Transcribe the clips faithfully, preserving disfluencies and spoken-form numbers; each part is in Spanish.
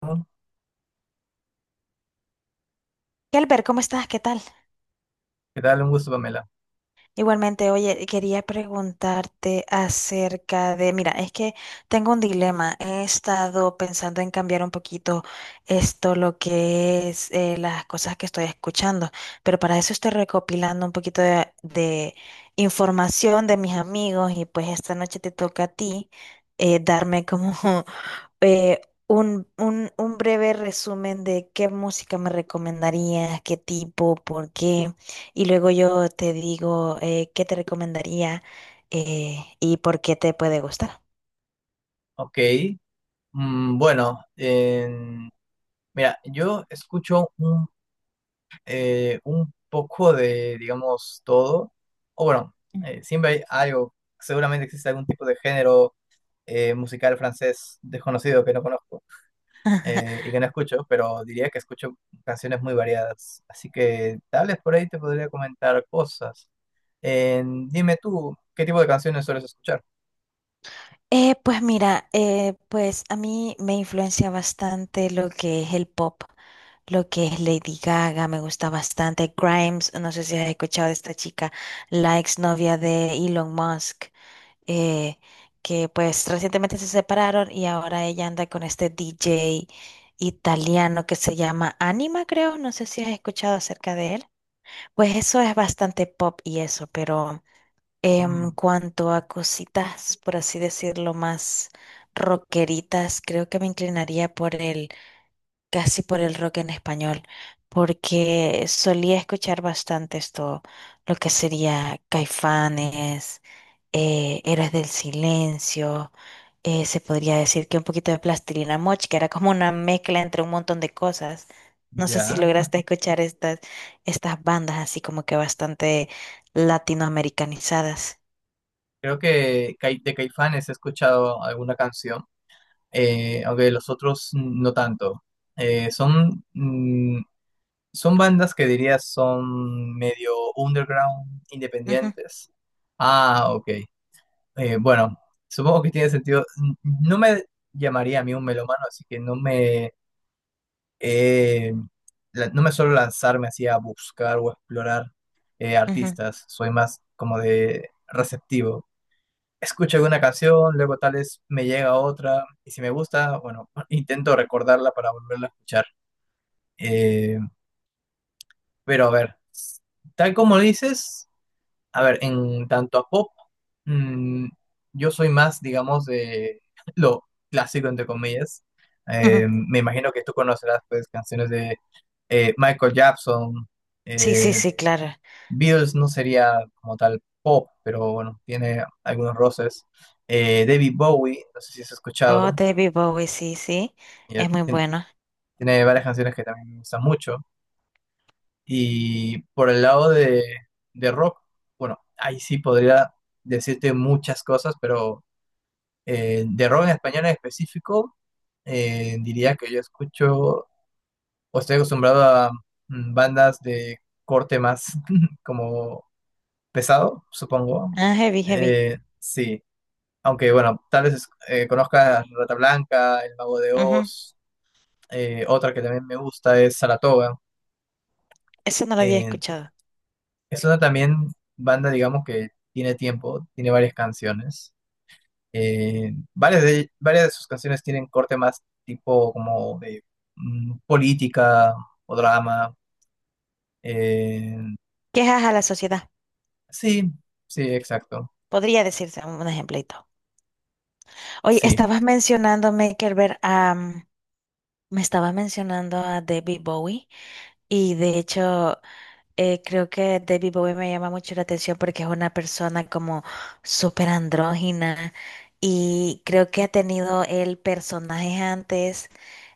¿Qué ¿Qué? Albert, ¿cómo estás? ¿Qué tal? tal? Un gusto, Pamela. Igualmente. Oye, quería preguntarte acerca de, mira, es que tengo un dilema. He estado pensando en cambiar un poquito esto, lo que es eh, las cosas que estoy escuchando, pero para eso estoy recopilando un poquito de, de información de mis amigos y pues esta noche te toca a ti, eh, darme como eh, un, un, un breve resumen de qué música me recomendarías, qué tipo, por qué. Y luego yo te digo, eh, qué te recomendaría, eh, y por qué te puede gustar. Ok. Mm, bueno, en- mira, yo escucho un, eh, un poco de, digamos, todo. O bueno, Mm. eh, siempre hay algo, seguramente existe algún tipo de género eh, musical francés desconocido que no conozco, eh, y que no escucho, pero diría que escucho canciones muy variadas. Así que tal vez por ahí te podría comentar cosas. En- dime tú, ¿qué tipo de canciones sueles escuchar? Eh, pues mira, eh, pues a mí me influencia bastante lo que es el pop, lo que es Lady Gaga, me gusta bastante. Grimes, no sé si has escuchado de esta chica, la exnovia de Elon Musk, eh, que pues recientemente se separaron y ahora ella anda con este D J italiano que se llama Anima, creo, no sé si has escuchado acerca de él. Pues eso es bastante pop y eso, pero en Mm, cuanto a cositas, por así decirlo, más rockeritas, creo que me inclinaría por el, casi por el rock en español, porque solía escuchar bastante esto, lo que sería Caifanes, eh, Héroes del Silencio, eh, se podría decir que un poquito de Plastilina Moch, que era como una mezcla entre un montón de cosas. No sé si ya. lograste escuchar estas, estas bandas así como que bastante latinoamericanizadas. Creo que Cai- de Caifanes he escuchado alguna canción, eh, aunque de los otros no tanto. Eh, son, mm, son bandas que diría son medio underground, Ujú, independientes. Ah, ok. Eh, bueno, supongo que tiene sentido. N- No me llamaría a mí un melómano, así que no me, eh, la- no me suelo lanzarme así a buscar o explorar eh, ujú, artistas. Soy más como de receptivo, escucho alguna canción, luego tal vez me llega otra, y si me gusta, bueno, intento recordarla para volverla a escuchar. Eh, pero a ver, tal como dices, a ver, en tanto a pop, mm, yo soy más, digamos, de lo clásico, entre comillas. Eh, ujú. Me imagino que tú conocerás, pues, canciones de eh, Michael Jackson, Sí, sí, eh, sí, claro. Beatles no sería como tal pop, pero bueno, tiene algunos roces. Eh, David Bowie, no sé si has Oh, escuchado, David Bowie, sí, sí. ya Es muy tien- bueno. tiene varias canciones que también me gustan mucho. Y por el lado de, de rock, bueno, ahí sí podría decirte muchas cosas, pero eh, de rock en español en específico, eh, diría que yo escucho o estoy acostumbrado a mm, bandas de corte más como pesado, supongo. Ah, heavy, heavy. Eh, sí. Aunque bueno, tal vez eh, conozcas Rata Blanca, El Mago de Ujú. Oz, eh, otra que también me gusta es Saratoga. Eso no lo había Eh, escuchado. es una también banda, digamos, que tiene tiempo, tiene varias canciones. Eh, varias de, varias de sus canciones tienen corte más tipo como de mm, política o drama. Eh, Quejas a la sociedad. sí, sí, exacto. Podría decirse un ejemplito. Oye, Sí, estabas mencionando, Maker, ver. Me estaba mencionando a David Bowie y de hecho, eh, creo que David Bowie me llama mucho la atención porque es una persona como súper andrógina y creo que ha tenido el personajes antes,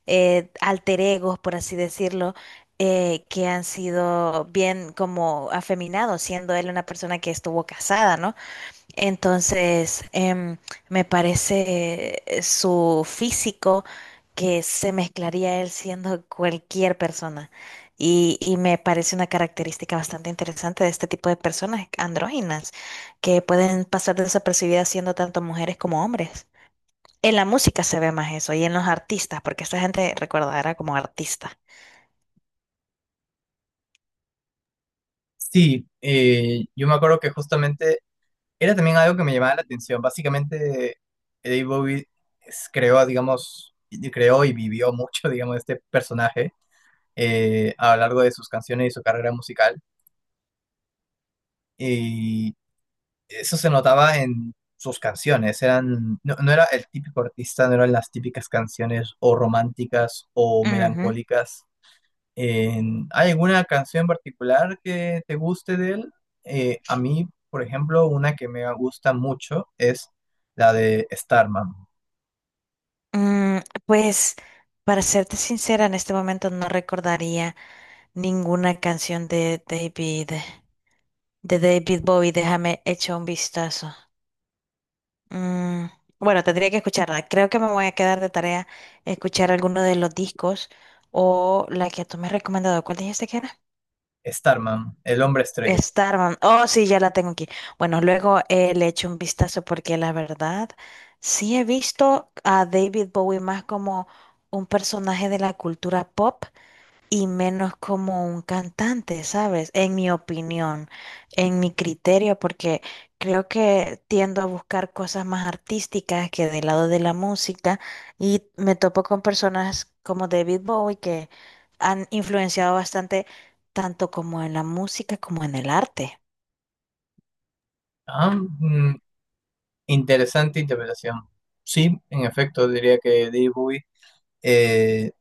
eh, alter egos por así decirlo, eh, que han sido bien como afeminados, siendo él una persona que estuvo casada, ¿no? Entonces, em, me parece, eh, su físico que se mezclaría él siendo cualquier persona. Y, y me parece una característica bastante interesante de este tipo de personas andróginas, que pueden pasar desapercibidas siendo tanto mujeres como hombres. En la música se ve más eso y en los artistas, porque esta gente, recuerda, era como artista. sí. Eh, yo me acuerdo que justamente era también algo que me llamaba la atención. Básicamente, Eddie Bowie es- creó, digamos, y- creó y vivió mucho, digamos, este personaje eh, a lo largo de sus canciones y su carrera musical. Y eso se notaba en sus canciones. Eran, no, no era el típico artista, no eran las típicas canciones o románticas o Ujú. melancólicas. En- ¿hay alguna canción en particular que te guste de él? Eh, a mí, por ejemplo, una que me gusta mucho es la de Starman. Mm, pues, para serte sincera, en este momento no recordaría ninguna canción de David, de David Bowie. Déjame echar un vistazo. Mm, bueno, tendría que escucharla. Creo que me voy a quedar de tarea escuchar alguno de los discos o la que tú me has recomendado. ¿Cuál dijiste que era? Starman, el hombre estrella. Starman. Oh, sí, ya la tengo aquí. Bueno, luego eh, le echo un vistazo porque la verdad sí he visto a David Bowie más como un personaje de la cultura pop y menos como un cantante, ¿sabes? En mi opinión, en mi criterio, porque creo que tiendo a buscar cosas más artísticas que del lado de la música y me topo con personas como David Bowie que han influenciado bastante tanto como en la música como en el arte. Ah, mm, interesante interpretación. Sí, en efecto, diría que David Bowie eh,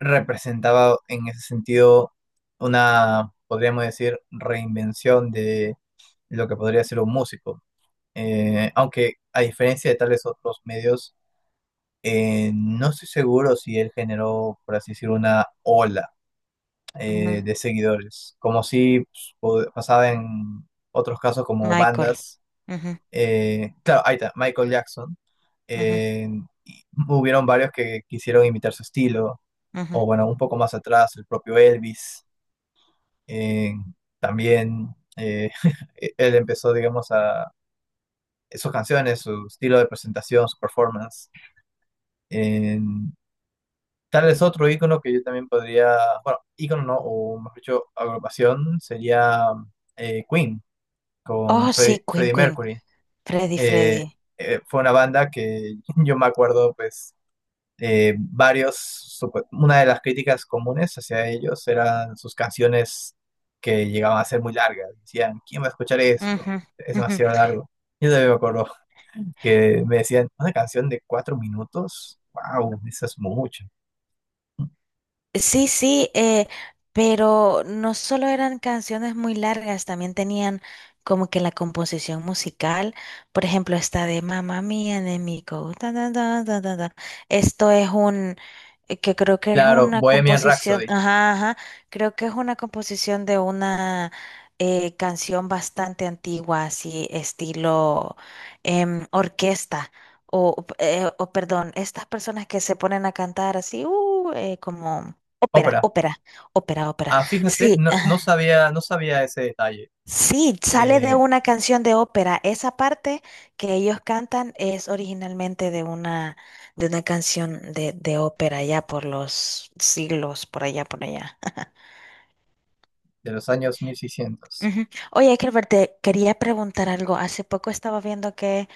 representaba en ese sentido una, podríamos decir, reinvención de lo que podría ser un músico. Eh, aunque a diferencia de tales otros medios, Eh, no estoy seguro si él generó, por así decirlo, una ola eh, Ujú. de seguidores, como si pues, pod- pasaba en otros casos como Michael. bandas. Ujú, eh, Claro, ahí está, Michael Jackson. ujú, eh, y hubieron varios que quisieron imitar su estilo, ujú. o bueno, un poco más atrás, el propio Elvis. Eh, también eh, él empezó, digamos, a sus canciones, su estilo de presentación, su performance. eh, Tal vez otro icono que yo también podría, bueno, icono no, o mejor dicho, agrupación sería eh, Queen con Oh, Freddy- sí, Queen, Freddie Queen. Mercury. Freddy, Eh, Freddy. Eh, fue una banda que yo me acuerdo, pues, eh, varios, supe- una de las críticas comunes hacia ellos eran sus canciones que llegaban a ser muy largas. Decían, ¿quién va a escuchar esto? Ujú, Es ujú. demasiado largo. Yo también me acuerdo que me decían, ¿una canción de cuatro minutos? ¡Wow! Eso es mucho. Sí, sí, eh, pero no solo eran canciones muy largas, también tenían como que la composición musical, por ejemplo, esta de Mamma Mía de Mico, ta, ta, ta, ta, ta, ta. Esto es un, eh, que creo que es Claro, una Bohemian composición, Rhapsody. ajá, ajá, creo que es una composición de una, eh, canción bastante antigua, así estilo, em, orquesta. O, eh, o perdón, estas personas que se ponen a cantar así, uh, eh, como ópera, Ópera. ópera, ópera, ópera. Ah, fíjate, Sí, no, no ajá. sabía, no sabía ese detalle Sí, sale de eh, una canción de ópera. Esa parte que ellos cantan es originalmente de una, de una canción de, de ópera ya por los siglos, por allá, por allá. de los años mil seiscientos. Ujú. Oye, Herbert, te quería preguntar algo. Hace poco estaba viendo que,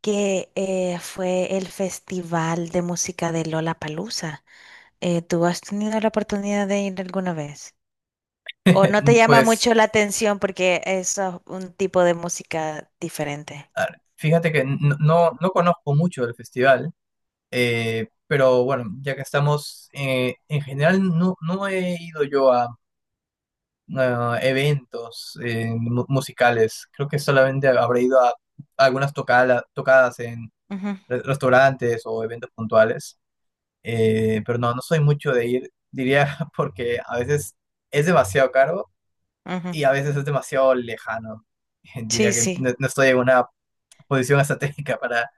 que eh, fue el Festival de Música de Lollapalooza. Eh, ¿tú has tenido la oportunidad de ir alguna vez? ¿O no te llama Pues, mucho la atención porque es, ah, un tipo de música diferente? a ver, fíjate que n- no, no conozco mucho del festival, eh, pero bueno, ya que estamos, eh, en general no, no he ido yo a, a eventos eh, mu- musicales. Creo que solamente habré ido a algunas tocala- tocadas en Ujú, re- restaurantes o eventos puntuales. Eh, pero no, no soy mucho de ir, diría, porque a veces es demasiado caro ujú. y a veces es demasiado lejano. Sí, Diría que sí. no, no estoy en una posición estratégica para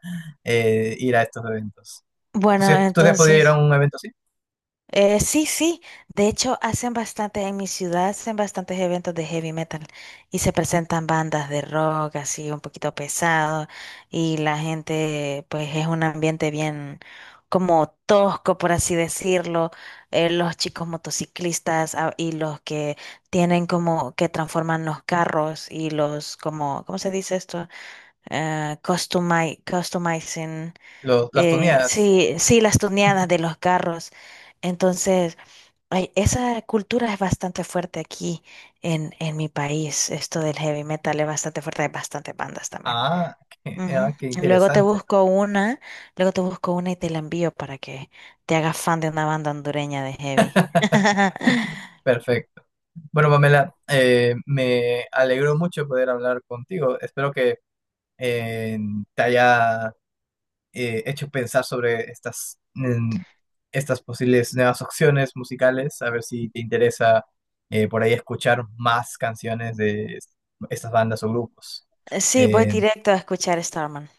eh, ir a estos eventos. ¿Tú, Bueno, sí- tú te has podido ir entonces... a un evento así? Eh, sí, sí. De hecho, hacen bastante, en mi ciudad hacen bastantes eventos de heavy metal y se presentan bandas de rock así un poquito pesado y la gente, pues es un ambiente bien como tosco, por así decirlo. Eh, los chicos motociclistas, ah, y los que tienen como que transforman los carros y los como, ¿cómo se dice esto? Eh, customi- customizing. Lo- las eh, tuneadas. Sí, sí, las tuneadas de los carros. Entonces, ay, esa cultura es bastante fuerte aquí en, en mi país. Esto del heavy metal es bastante fuerte. Hay bastantes bandas también. Ah, qué, ah, Ujú. qué Luego te interesante. busco una, luego te busco una y te la envío para que te hagas fan de una banda hondureña de heavy. Perfecto. Bueno, Pamela, eh, me alegró mucho poder hablar contigo. Espero que eh, te haya eh, hecho pensar sobre estas, mm, estas posibles nuevas opciones musicales, a ver si te interesa eh, por ahí escuchar más canciones de es- estas bandas o grupos. Sí, voy Eh, directo a escuchar Starman.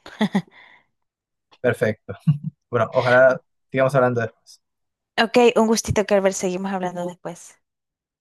perfecto. Bueno, ojalá sigamos hablando después. Ok, un gustito, Kerber. Seguimos hablando después.